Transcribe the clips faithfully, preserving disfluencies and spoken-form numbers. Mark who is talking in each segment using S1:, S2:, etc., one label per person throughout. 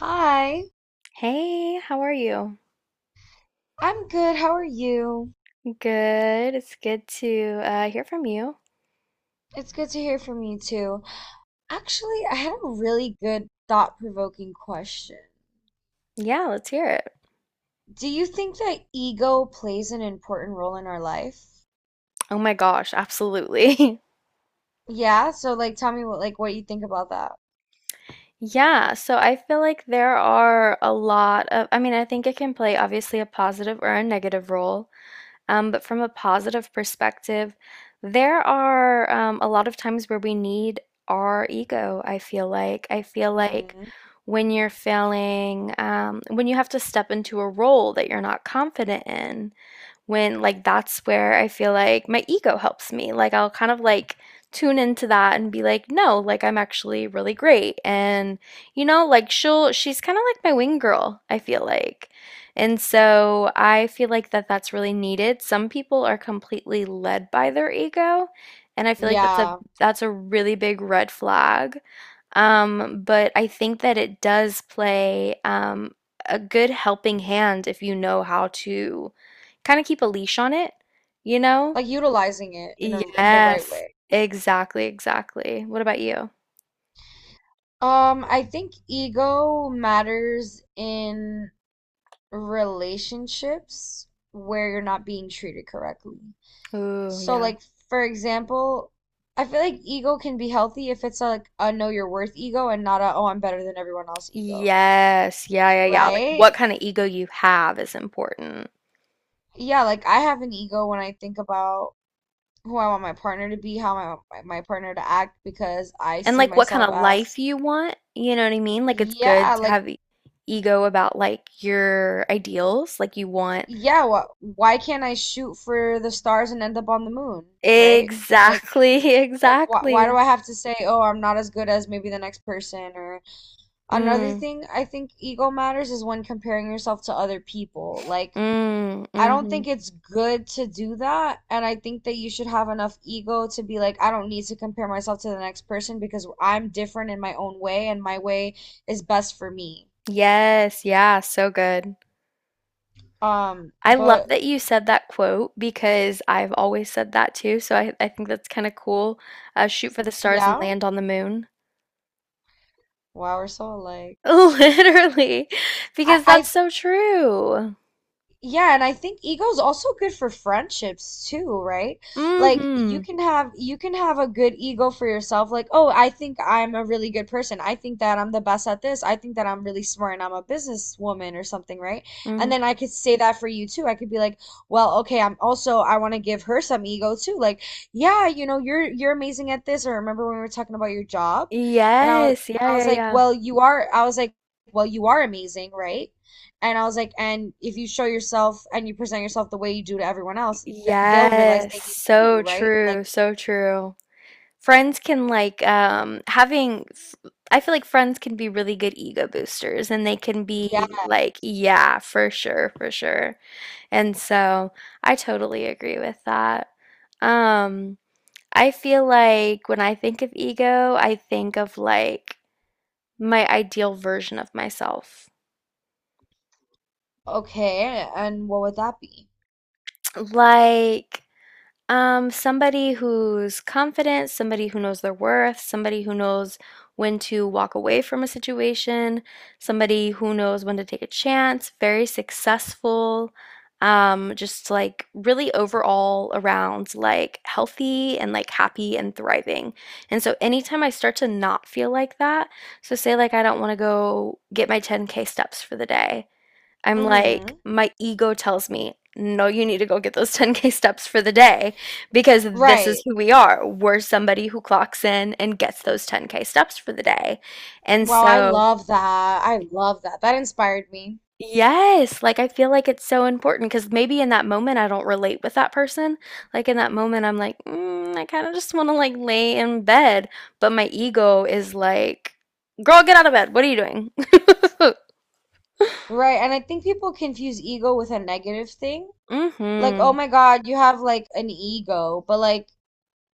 S1: Hi,
S2: Hey, how are you?
S1: I'm good. How are you?
S2: Good. It's good to uh, hear from you.
S1: It's good to hear from you too. Actually, I had a really good thought-provoking question.
S2: Yeah, let's hear it.
S1: Do you think that ego plays an important role in our life?
S2: Oh my gosh, absolutely.
S1: Yeah, so like tell me what like what you think about that.
S2: Yeah, so I feel like there are a lot of, I mean, I think it can play obviously a positive or a negative role. Um, but from a positive perspective, there are um, a lot of times where we need our ego, I feel like. I feel like
S1: Hmm.
S2: when you're feeling, um, when you have to step into a role that you're not confident in. When like that's where I feel like my ego helps me. Like I'll kind of like tune into that and be like, no, like I'm actually really great. And you know, like she'll she's kind of like my wing girl, I feel like. And so I feel like that that's really needed. Some people are completely led by their ego, and I feel like that's a
S1: Yeah,
S2: that's a really big red flag, um, but I think that it does play um, a good helping hand if you know how to kind of keep a leash on it, you know?
S1: like utilizing it in a in the right
S2: Yes,
S1: way.
S2: exactly, exactly. What about you?
S1: Um, I think ego matters in relationships where you're not being treated correctly.
S2: Ooh,
S1: So
S2: yeah.
S1: like for example, I feel like ego can be healthy if it's like a know your worth ego and not a oh I'm better than everyone else ego,
S2: Yes, yeah, yeah, yeah. Like
S1: right?
S2: what kind of ego you have is important.
S1: Yeah, like I have an ego when I think about who I want my partner to be, how I want my, my partner to act because I
S2: And
S1: see
S2: like what kind
S1: myself
S2: of life
S1: as
S2: you want, you know what I mean? Like it's good
S1: yeah,
S2: to
S1: like
S2: have e- ego about like your ideals, like you want.
S1: yeah, what why can't I shoot for the stars and end up on the moon, right? Like
S2: Exactly,
S1: like why why do
S2: exactly.
S1: I have to say, "Oh, I'm not as good as maybe the next person," or another
S2: Mm,
S1: thing I think ego matters is when comparing yourself to other people. Like,
S2: mm,
S1: I don't
S2: mhm.
S1: think it's good to do that. And I think that you should have enough ego to be like, I don't need to compare myself to the next person because I'm different in my own way and my way is best for me.
S2: Yes, yeah, so good.
S1: Um,
S2: I love
S1: but
S2: that you said that quote because I've always said that too, so I, I think that's kind of cool. Uh, shoot for the stars and
S1: yeah,
S2: land on the moon.
S1: wow, we're so alike.
S2: Literally,
S1: I,
S2: because that's
S1: I
S2: so true.
S1: Yeah, and I think ego's also good for friendships too, right? Like you
S2: Mm-hmm.
S1: can have you can have a good ego for yourself, like, oh, I think I'm a really good person. I think that I'm the best at this. I think that I'm really smart and I'm a businesswoman or something, right?
S2: Mm-hmm.
S1: And then I could say that for you too. I could be like, well, okay, I'm also I want to give her some ego too. Like, yeah, you know, you're you're amazing at this. Or remember when we were talking about your job? And I was
S2: Yes, yeah,
S1: and I was
S2: yeah,
S1: like,
S2: yeah.
S1: well, you are I was like, well, you are amazing, right? And I was like, and if you show yourself and you present yourself the way you do to everyone else, th they'll realize
S2: Yes,
S1: they need
S2: so
S1: you, right? Like,
S2: true, so true. Friends can like um having f- I feel like friends can be really good ego boosters and they can be
S1: yeah,
S2: like, yeah, for sure, for sure. And so I totally agree with that. Um I feel like when I think of ego, I think of like my ideal version of myself.
S1: okay. And what would that be?
S2: Like Um, somebody who's confident, somebody who knows their worth, somebody who knows when to walk away from a situation, somebody who knows when to take a chance, very successful, um, just like really overall around like healthy and like happy and thriving. And so anytime I start to not feel like that, so say like I don't want to go get my ten K steps for the day, I'm like,
S1: Hmm.
S2: my ego tells me, no, you need to go get those ten K steps for the day because this is
S1: Right.
S2: who we are. We're somebody who clocks in and gets those ten K steps for the day. And
S1: Wow, I
S2: so,
S1: love that. I love that. That inspired me.
S2: yes, like I feel like it's so important because maybe in that moment I don't relate with that person. Like in that moment, I'm like, mm, I kind of just want to like lay in bed. But my ego is like, girl, get out of bed. What are you doing?
S1: Right. And I think people confuse ego with a negative thing. Like, oh
S2: Mm-hmm.
S1: my God, you have like an ego, but like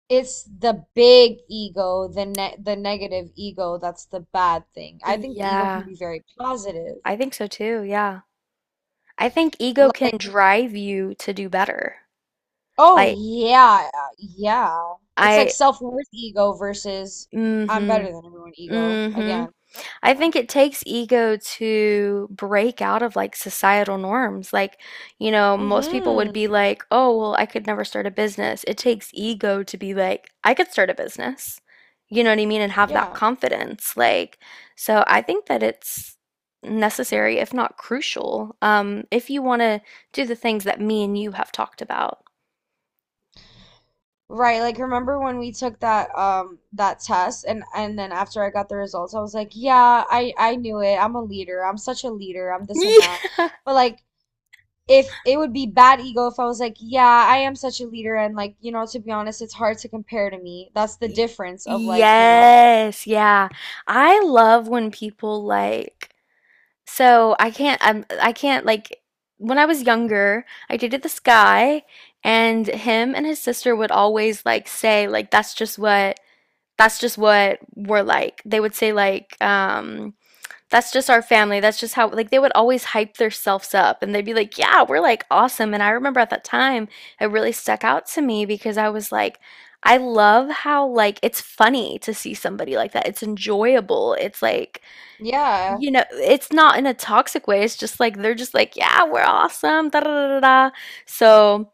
S1: it's the big ego, the ne the negative ego that's the bad thing. I think ego can
S2: Yeah,
S1: be very positive.
S2: I think so too. Yeah. I think ego can drive you to do better.
S1: Oh
S2: Like
S1: yeah, yeah. It's like
S2: I.
S1: self-worth ego versus I'm
S2: Mm-hmm.
S1: better than everyone ego
S2: Mm-hmm.
S1: again, you
S2: I
S1: know.
S2: think it takes ego to break out of like societal norms. Like, you know, most people would be
S1: Mm-hmm.
S2: like, "Oh, well, I could never start a business." It takes ego to be like, "I could start a business." You know what I mean? And have that
S1: Yeah.
S2: confidence. Like, so I think that it's necessary, if not crucial, um, if you want to do the things that me and you have talked about.
S1: Right, like remember when we took that um that test and and then after I got the results I was like, "Yeah, I I knew it. I'm a leader. I'm such a leader. I'm this and that."
S2: Yeah.
S1: But like if it would be bad ego if I was like, "Yeah, I am such a leader and like, you know, to be honest, it's hard to compare to me." That's the
S2: Y-
S1: difference of like, you know.
S2: Yes, yeah. I love when people like, so I can't I'm I can't like when I was younger, I dated this guy and him and his sister would always like say like that's just what that's just what we're like. They would say like um that's just our family. That's just how like they would always hype themselves up and they'd be like, "Yeah, we're like awesome." And I remember at that time, it really stuck out to me because I was like, I love how like it's funny to see somebody like that. It's enjoyable. It's like,
S1: Yeah.
S2: you know, it's not in a toxic way. It's just like they're just like, "Yeah, we're awesome." Da da da da. Da." So,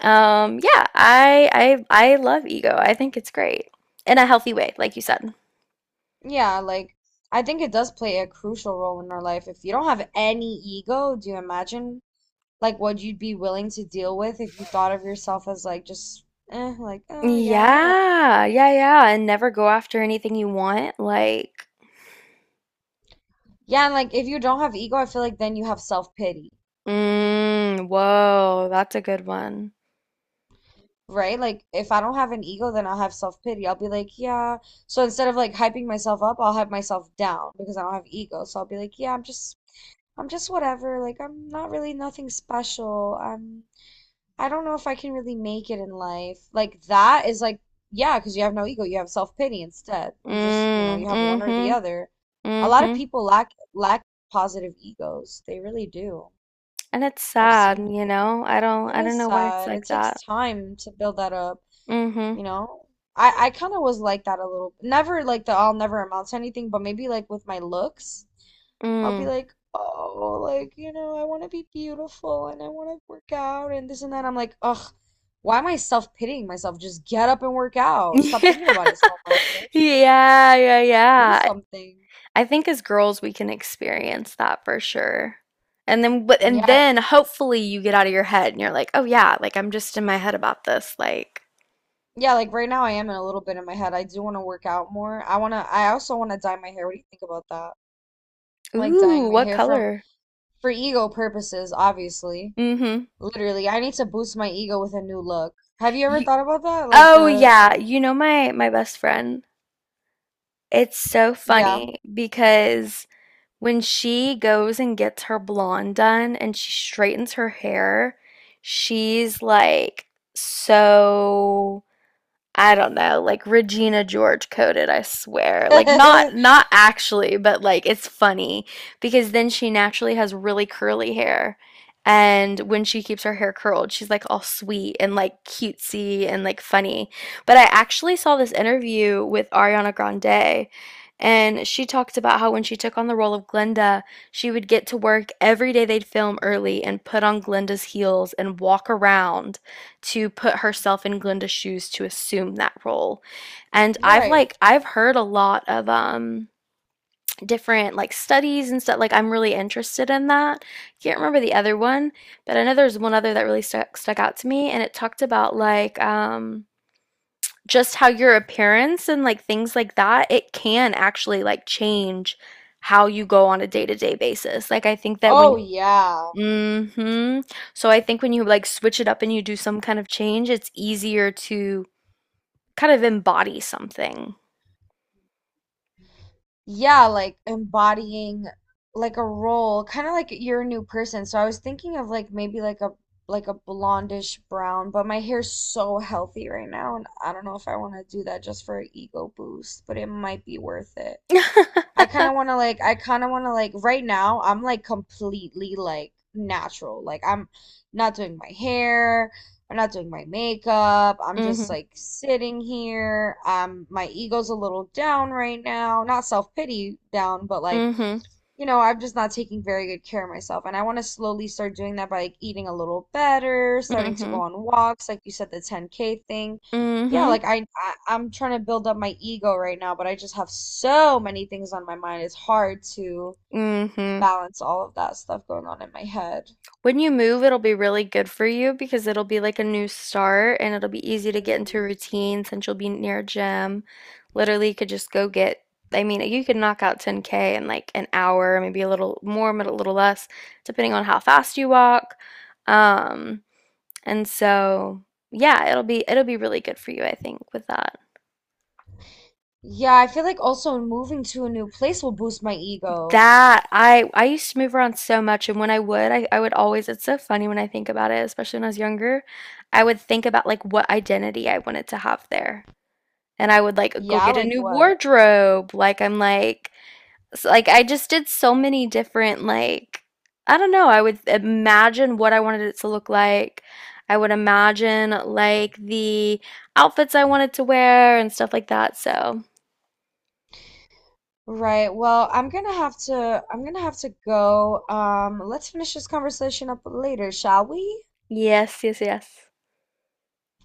S2: um yeah, I I I love ego. I think it's great in a healthy way, like you said.
S1: Yeah, like I think it does play a crucial role in our life. If you don't have any ego, do you imagine like what you'd be willing to deal with if you thought of yourself as like just eh, like oh yeah, I'm whatever.
S2: Yeah, yeah, yeah, and never go after anything you want. Like,
S1: Yeah, and like if you don't have ego, I feel like then you have self-pity,
S2: mm, whoa, that's a good one.
S1: right? Like if I don't have an ego, then I'll have self-pity. I'll be like, yeah. So instead of like hyping myself up, I'll hype myself down because I don't have ego. So I'll be like, yeah, I'm just I'm just whatever. Like I'm not really nothing special. I'm I don't know if I can really make it in life. Like that is like, yeah, because you have no ego, you have self-pity instead. You just, you know,
S2: Mm,
S1: you have one or the
S2: mm-hmm,
S1: other. A lot of
S2: mm-hmm.
S1: people lack lack positive egos. They really do.
S2: And it's
S1: I've
S2: sad,
S1: seen it.
S2: you know? I don't,
S1: It
S2: I don't
S1: is
S2: know why it's
S1: sad.
S2: like
S1: It
S2: that.
S1: takes time to build that up,
S2: Mm-hmm,
S1: you know? I I kind of was like that a little. Never like the I'll never amount to anything, but maybe like with my looks. I'll be
S2: mm.
S1: like, oh, like, you know, I want to be beautiful and I want to work out and this and that. I'm like, ugh, why am I self-pitying myself? Just get up and work out. Stop thinking about it so much, right? Just like
S2: Yeah, yeah,
S1: do
S2: yeah.
S1: something.
S2: I think as girls we can experience that for sure. And then, but, and
S1: Yeah.
S2: then hopefully you get out of your head and you're like, oh yeah, like I'm just in my head about this. Like,
S1: Yeah, like right now I am in a little bit in my head. I do want to work out more. I want to, I also want to dye my hair. What do you think about that? Like dyeing
S2: ooh,
S1: my
S2: what
S1: hair from
S2: color?
S1: for ego purposes, obviously.
S2: Mm-hmm.
S1: Literally, I need to boost my ego with a new look. Have you ever
S2: You,
S1: thought about that? Like
S2: oh
S1: the,
S2: yeah, you know my my best friend. It's so
S1: yeah.
S2: funny because when she goes and gets her blonde done and she straightens her hair, she's like so I don't know, like Regina George coded, I swear. Like not not actually, but like it's funny because then she naturally has really curly hair. And when she keeps her hair curled, she's like all sweet and like cutesy and like funny. But I actually saw this interview with Ariana Grande, and she talked about how when she took on the role of Glinda, she would get to work every day they'd film early and put on Glinda's heels and walk around to put herself in Glinda's shoes to assume that role. And I've
S1: Right.
S2: like I've heard a lot of um different like studies and stuff like I'm really interested in that. I can't remember the other one, but I know there's one other that really stuck stuck out to me and it talked about like um just how your appearance and like things like that, it can actually like change how you go on a day-to-day basis. Like I think that when.
S1: Oh yeah.
S2: Mhm. So I think when you like switch it up and you do some kind of change, it's easier to kind of embody something.
S1: Yeah, like embodying like a role, kind of like you're a new person. So I was thinking of like maybe like a like a blondish brown, but my hair's so healthy right now and I don't know if I want to do that just for an ego boost, but it might be worth it. I kind of want to like I kind of want to like right now I'm like completely like natural. Like I'm not doing my hair, I'm not doing my makeup. I'm just
S2: Mhm.
S1: like sitting here. Um my ego's a little down right now. Not self-pity down, but like
S2: Mhm.
S1: you know, I'm just not taking very good care of myself. And I want to slowly start doing that by like eating a little better, starting to go
S2: Mhm.
S1: on walks, like you said, the ten K thing. Yeah,
S2: Mhm.
S1: like I, I I'm trying to build up my ego right now, but I just have so many things on my mind. It's hard to
S2: Mhm.
S1: balance all of that stuff going on in my head.
S2: When you move, it'll be really good for you because it'll be like a new start and it'll be easy to get into
S1: Mhm.
S2: routine since you'll be near a gym. Literally, you could just go get, I mean, you could knock out ten K in like an hour, maybe a little more, but a little less, depending on how fast you walk. Um, And so, yeah, it'll be it'll be really good for you, I think, with that.
S1: Yeah, I feel like also moving to a new place will boost my ego.
S2: That I I used to move around so much, and when I would, I, I would always, it's so funny when I think about it, especially when I was younger, I would think about like what identity I wanted to have there. And I would like go
S1: Yeah,
S2: get a
S1: like
S2: new
S1: what?
S2: wardrobe. Like I'm like s- like I just did so many different like I don't know, I would imagine what I wanted it to look like. I would imagine like the outfits I wanted to wear and stuff like that. So.
S1: Right. Well, I'm gonna have to I'm gonna have to go. Um, let's finish this conversation up later, shall we?
S2: Yes, yes, yes.